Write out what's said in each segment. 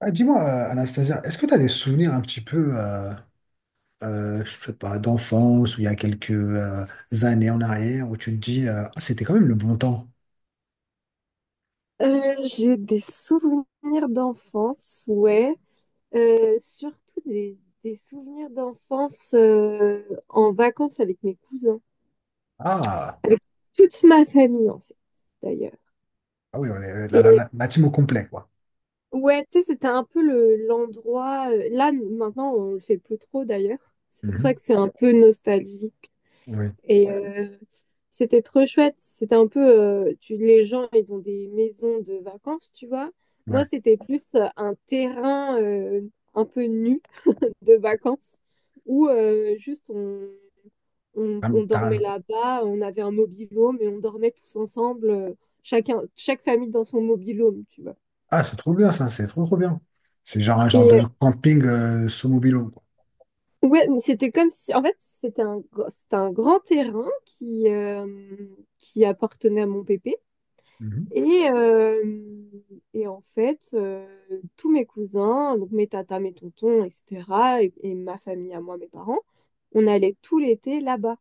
Ah, dis-moi, Anastasia, est-ce que tu as des souvenirs un petit peu, je sais pas, d'enfance ou il y a quelques années en arrière où tu te dis, ah, c'était quand même le bon temps. J'ai des souvenirs d'enfance, ouais. Surtout des, des souvenirs d'enfance en vacances avec mes cousins, Ah, avec toute ma famille en fait, d'ailleurs. ah oui, on est Et la team au complet, quoi. ouais, tu sais, c'était un peu le, l'endroit. Là, maintenant, on le fait plus trop d'ailleurs. C'est pour ça Mhm. que c'est un peu nostalgique. Oui, Et c'était trop chouette. C'était un peu, tu, les gens, ils ont des maisons de vacances, tu vois. Moi, ouais. c'était plus un terrain un peu nu de vacances où juste on, on, Ah, on dormait là-bas. On avait un mobil-home et on dormait tous ensemble, chacun, chaque famille dans son mobil-home, tu vois. ah, c'est trop bien ça, c'est trop trop bien. C'est genre un genre de Et camping sous mobile quoi. euh, ouais, mais c'était comme si, en fait, c'était un grand terrain qui appartenait à mon pépé. Mhm. Et, euh, et en fait, tous mes cousins, donc mes tatas, mes tontons, etc., et ma famille à moi, mes parents, on allait tout l'été là-bas.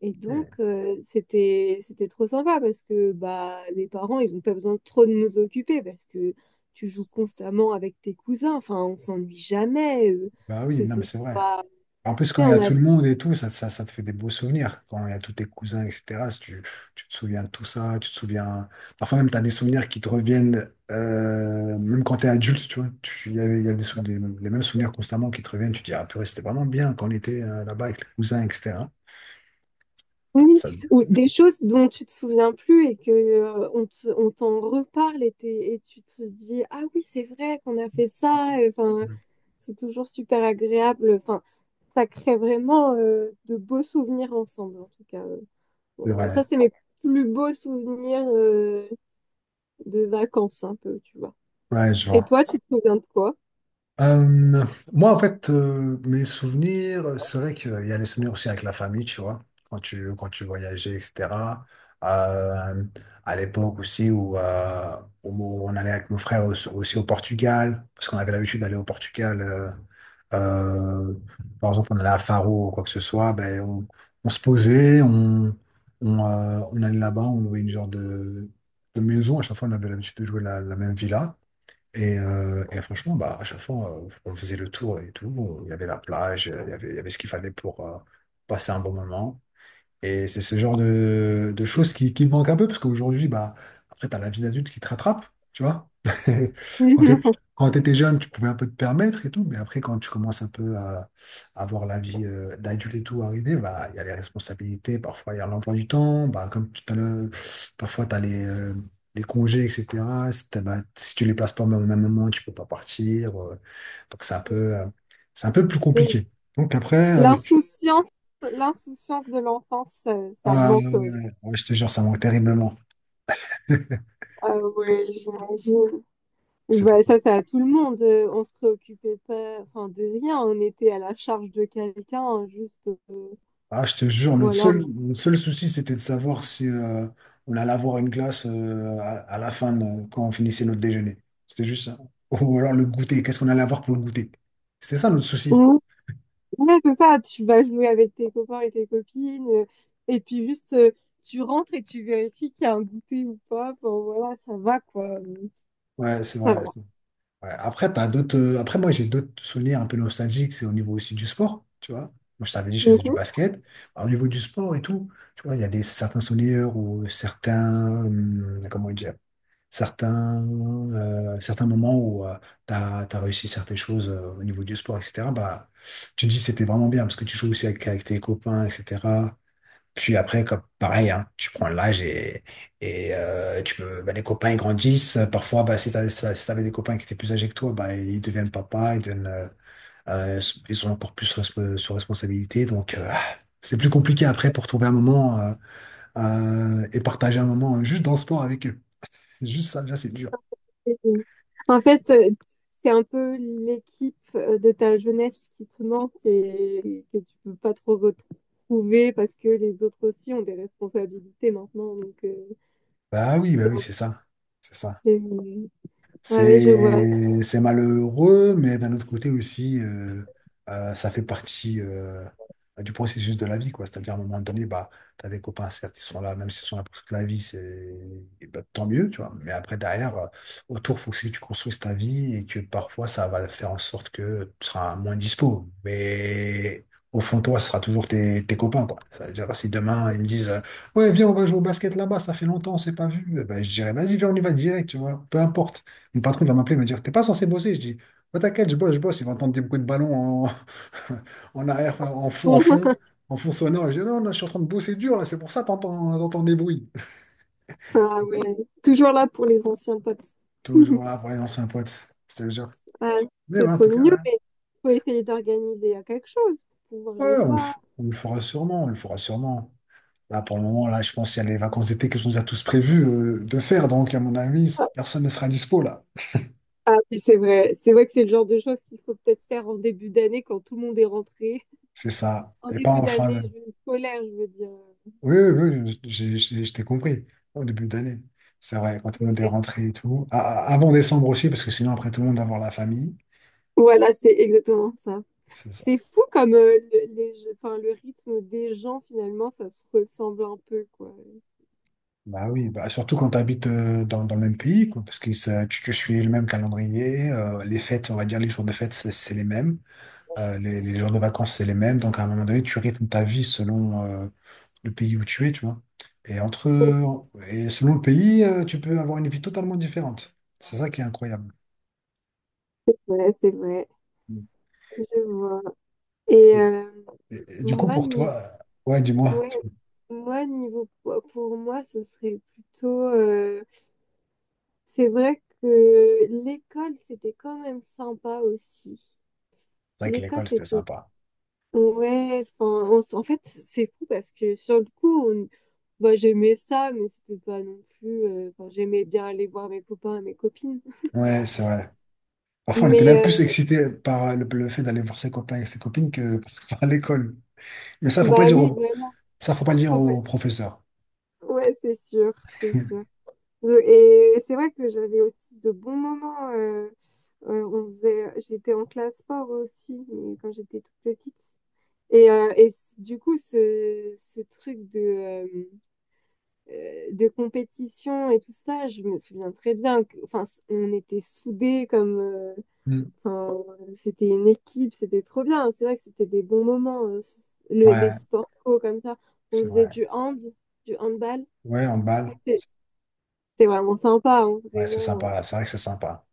Et donc, Yeah. C'était trop sympa parce que bah, les parents, ils n'ont pas besoin de trop de nous occuper parce que tu joues constamment avec tes cousins. Enfin, on s'ennuie jamais. Bah oui, Que non ce mais c'est vrai. soit, En plus, quand tu sais, il y on a a tout le monde et tout, ça te fait des beaux souvenirs. Quand il y a tous tes cousins, etc., si tu, tu te souviens de tout ça, tu te souviens. Parfois même, tu as des souvenirs qui te reviennent, même quand tu es adulte, tu vois. Il y a les mêmes souvenirs constamment qui te reviennent. Tu te dis, ah purée, c'était vraiment bien quand on était là-bas avec les cousins, etc. oui, Ça, ou des choses dont tu te souviens plus et que on on t'en reparle et, et tu te dis ah oui c'est vrai qu'on a fait ça. Et, enfin c'est toujours super agréable, enfin ça crée vraiment de beaux souvenirs ensemble en tout cas. c'est Bon, vrai. ça c'est mes plus beaux souvenirs de vacances un peu tu vois, Ouais, je et vois. toi, tu te souviens de quoi? Euh, moi, en fait, mes souvenirs, c'est vrai qu'il y a les souvenirs aussi avec la famille, tu vois, quand tu voyageais, etc. Euh, à l'époque aussi où on allait avec mon frère aussi, aussi au Portugal, parce qu'on avait l'habitude d'aller au Portugal. Euh, par exemple, on allait à Faro ou quoi que ce soit, ben, on se posait, on allait là-bas, on louait une genre de maison. À chaque fois, on avait l'habitude de jouer la même villa. Et franchement, bah, à chaque fois, on faisait le tour et tout. Il y avait la plage, il y avait ce qu'il fallait pour passer un bon moment. Et c'est ce genre de choses qui me manquent un peu, parce qu'aujourd'hui, bah, après, t'as la vie d'adulte qui te rattrape, tu vois. Quand t'es, quand t'étais jeune, tu pouvais un peu te permettre et tout, mais après, quand tu commences un peu à voir la vie d'adulte et tout arriver, bah, il y a les responsabilités, parfois il y a l'emploi du temps, bah, comme tout à l'heure, parfois t'as les congés, etc. Si, t'as- Bah, si tu les places pas au même même moment, tu peux pas partir. Donc c'est un peu plus compliqué. Donc après, L'insouciance, l'insouciance de l'enfance, ça ah, ouais, manque. ouais, ouais, je te jure, ça manque terriblement. Ah ouais, j'imagine. C'était- Bah, ça, c'est à tout le monde. On se préoccupait pas, enfin, de rien. On était à la charge de quelqu'un, hein, juste, Ah, je te jure, voilà. Notre seul souci, c'était de savoir si on allait avoir une glace à la fin, quand on finissait notre déjeuner. C'était juste ça. Ou alors le goûter, qu'est-ce qu'on allait avoir pour le goûter? C'était ça notre souci. Mm. Ouais, c'est ça. Tu vas jouer avec tes copains et tes copines, et puis juste, tu rentres et tu vérifies qu'il y a un goûter ou pas. Bon, voilà, ça va, quoi. Ouais, c'est Ça vrai. va. Ouais, après, t'as d'autres. Après, moi, j'ai d'autres souvenirs un peu nostalgiques. C'est au niveau aussi du sport, tu vois. Moi, je t'avais dit, je faisais du Mhm. basket. Alors, au niveau du sport et tout, tu vois, il y a des certains souvenirs ou certains, comment dire, certains, certains moments où t'as tu as réussi certaines choses au niveau du sport, etc. Bah, tu te dis, c'était vraiment bien parce que tu joues aussi avec tes copains, etc. Puis après, comme pareil, hein, tu prends l'âge et tu peux, bah, les copains ils grandissent. Parfois, bah, si si t'avais des copains qui étaient plus âgés que toi, bah, ils deviennent papa, euh, ils ont encore plus resp- sur responsabilité. Donc, c'est plus compliqué après pour trouver un moment et partager un moment juste dans le sport avec eux. C'est juste ça, déjà, c'est dur. Et, euh, En fait, c'est un peu l'équipe de ta jeunesse qui te manque et que tu peux pas trop retrouver parce que les autres aussi ont des responsabilités maintenant, donc. Bah oui, c'est ça. C'est ça. Oui. Ah ouais je vois. C'est malheureux, mais d'un autre côté aussi, ça fait partie du processus de la vie, quoi. C'est-à-dire, à un moment donné, bah, tu as des copains, certes, ils sont là, même s'ils sont là pour toute la vie, c'est et bah, tant mieux, tu vois. Mais après, derrière, autour, faut aussi que tu construises ta vie et que parfois, ça va faire en sorte que tu seras moins dispo. Mais au fond, de toi, ce sera toujours tes copains, quoi. Ça veut dire, si demain, ils me disent, ouais, viens, on va jouer au basket là-bas, ça fait longtemps, on s'est pas vu, eh ben, je dirais, vas-y, viens, on y va direct, tu vois, peu importe. Mon patron va m'appeler, il me dire, t'es pas censé bosser. Je dis, bah, t'inquiète, je bosse, je bosse. Il va entendre des bruits de ballon en, en arrière, Son. En fond sonore. Je dis, non, non, je suis en train de bosser dur là, c'est pour ça que t'entends, t'entends des bruits. Ah ouais. Toujours là pour les anciens potes. Toujours là pour les anciens potes, je te le jure. Ah, Mais c'est ouais, en trop tout cas, mignon, ouais. mais faut essayer d'organiser à quelque chose pour pouvoir Ouais, les voir. On le fera sûrement, on le fera sûrement. Là, pour le moment, là, je pense qu'il y a les vacances d'été que je nous a tous prévu de faire. Donc, à mon avis, personne ne sera dispo là. Ah oui, c'est vrai. C'est vrai que c'est le genre de choses qu'il faut peut-être faire en début d'année quand tout le monde est rentré. C'est ça. En Et pas début en fin. d'année scolaire, je veux dire. Oui, oui, oui, oui, je t'ai compris au début d'année. C'est vrai, quand tout le monde est rentré et tout. Avant décembre aussi, parce que sinon, après, tout le monde va voir la famille. Voilà, c'est exactement ça. C'est ça. C'est fou comme enfin, le rythme des gens, finalement, ça se ressemble un peu, quoi. Bah oui, bah, surtout quand tu habites dans le même pays, quoi, parce que tu suis le même calendrier. Les fêtes, on va dire, les jours de fête, c'est les mêmes. Les jours de vacances, c'est les mêmes. Donc, à un moment donné, tu rythmes ta vie selon le pays où tu es, tu vois. Et, entre, et selon le pays, tu peux avoir une vie totalement différente. C'est ça qui est incroyable. Ouais, c'est vrai. Je vois. Et Et du coup, Moi, pour ni toi, ouais, dis-moi. ouais, tu- moi, niveau poids, pour moi, ce serait plutôt. C'est vrai que l'école, c'était quand même sympa aussi. C'est vrai que L'école, l'école, c'était c'était. sympa. Ouais, enfin, en fait, c'est fou parce que sur le coup, bah, j'aimais ça, mais c'était pas non plus. Enfin, j'aimais bien aller voir mes copains et mes copines. Ouais, c'est vrai. Parfois, on était même plus Mais, excité par le fait d'aller voir ses copains et ses copines que par l'école. Mais ça, faut pas le bah dire oui, au, voilà. ça, faut pas le dire faut pas- aux professeurs. Ouais, c'est sûr, c'est sûr. Et c'est vrai que j'avais aussi de bons moments. On faisait, j'étais en classe sport aussi, mais quand j'étais toute petite. Et du coup, ce truc de compétition et tout ça, je me souviens très bien que, enfin, on était soudés comme, Mm. enfin, c'était une équipe, c'était trop bien. C'est vrai que c'était des bons moments, les Ouais, sports co comme ça. On c'est faisait vrai. du hand, du handball. Ouais, on balle. C'est c'était vraiment sympa, hein, Ouais, c'est vraiment. Sympa. C'est vrai que c'est sympa.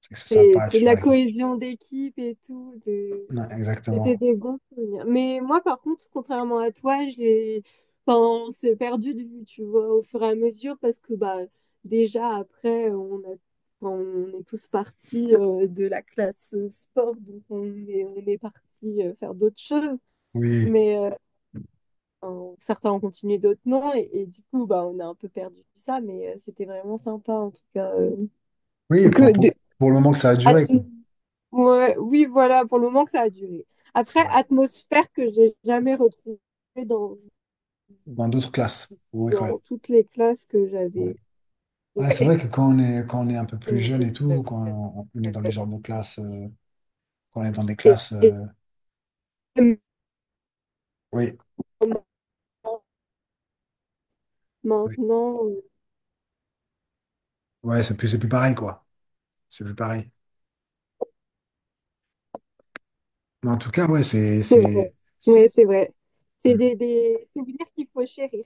C'est que c'est C'est sympa. c'est de Tu, la ouais. cohésion d'équipe et tout, de Ouais, c'était exactement. des bons souvenirs. Mais moi, par contre, contrairement à toi, j'ai, enfin, on s'est perdu de vue, tu vois, au fur et à mesure, parce que bah, déjà après, on a, enfin, on est tous partis de la classe sport, donc on est partis faire d'autres choses. Oui. Mais enfin, certains ont continué, d'autres non, et du coup, bah, on a un peu perdu ça. Mais c'était vraiment sympa, en tout cas, Oui, que de, pour le moment que ça a Ah, duré, quoi. tu- Ouais, oui, voilà, pour le moment que ça a duré. C'est Après, vrai. atmosphère que j'ai jamais retrouvée dans, Dans d'autres classes ou écoles. dans toutes les classes que Ouais. j'avais. Ouais, c'est Ouais. vrai que quand on est un peu plus Euh, jeune et tout, on est dans les genres de classes, quand on est dans des Et, classes, et oui, maintenant, oui, maintenant, euh, ouais, c'est plus pareil, quoi. C'est plus pareil. Mais en tout cas, ouais, c'est vrai. Ouais, c'est- c'est vrai. C'est hmm, des souvenirs qu'il faut chérir.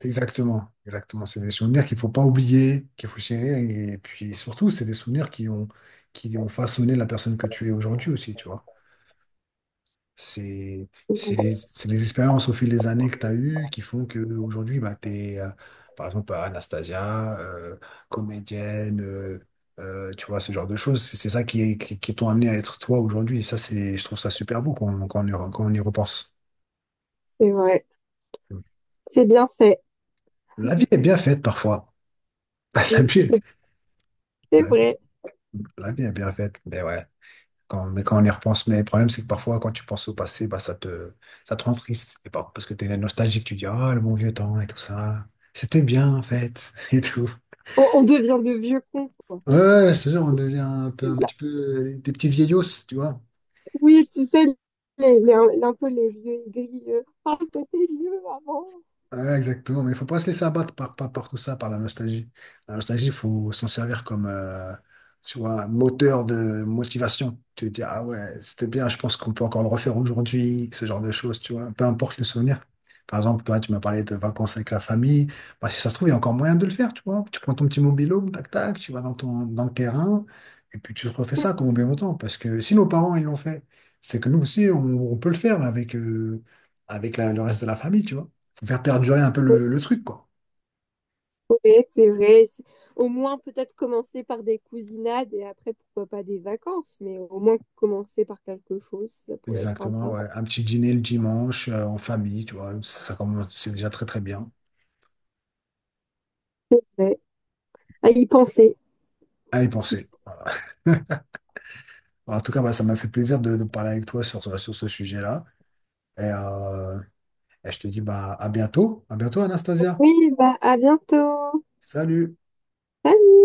exactement, exactement. C'est des souvenirs qu'il faut pas oublier, qu'il faut chérir. Et puis surtout, c'est des souvenirs qui ont façonné la personne que tu es aujourd'hui aussi, tu vois. C'est les expériences au fil des années que tu as eues qui font que aujourd'hui bah, tu es, par exemple, Anastasia, comédienne, tu vois, ce genre de choses. C'est ça qui t'ont amené à être toi aujourd'hui. Et ça, c'est, je trouve ça super beau quand on y repense. C'est vrai. C'est bien fait. La vie est bien faite parfois. La Oui, vie, c'est la, vrai. la vie est bien faite. Mais ouais. Quand, mais quand on y repense, mais le problème, c'est que parfois, quand tu penses au passé, bah, ça te rend triste. Et pas parce que t'es nostalgique, tu dis, ah, le bon vieux temps et tout ça. C'était bien, en fait, et tout. On devient de vieux cons, quoi. Ouais, ouais, je te jure, on devient un petit peu des petits vieillots, tu vois. Oui, tu sais, un peu les vieux aigris. Ah, t'étais vieux avant. Ouais, exactement, mais il faut pas se laisser abattre par tout ça, par la nostalgie. La nostalgie, il faut s'en servir comme tu vois, moteur de motivation. Tu te dis, ah ouais, c'était bien, je pense qu'on peut encore le refaire aujourd'hui, ce genre de choses, tu vois, peu importe le souvenir. Par exemple, toi, tu m'as parlé de vacances avec la famille. Bah, si ça se trouve, il y a encore moyen de le faire, tu vois. Tu prends ton petit mobilo, tac, tac, tu vas dans le terrain, et puis tu refais ça comme bien longtemps. Parce que si nos parents, ils l'ont fait, c'est que nous aussi, on peut le faire avec, avec le reste de la famille, tu vois faut faire perdurer un peu le truc, quoi. Oui, c'est vrai. Au moins, peut-être commencer par des cousinades et après, pourquoi pas des vacances, mais au moins commencer par quelque chose, ça pourrait être Exactement, sympa. ouais. Un petit dîner le dimanche, en famille, tu vois, ça commence, c'est déjà très très bien. Ouais. À y penser. À y penser. Voilà. En tout cas, bah, ça m'a fait plaisir de parler avec toi sur ce sujet-là. Et, euh, et je te dis bah, à bientôt. À bientôt, Anastasia. Oui, bah, à bientôt. Salut. Salut.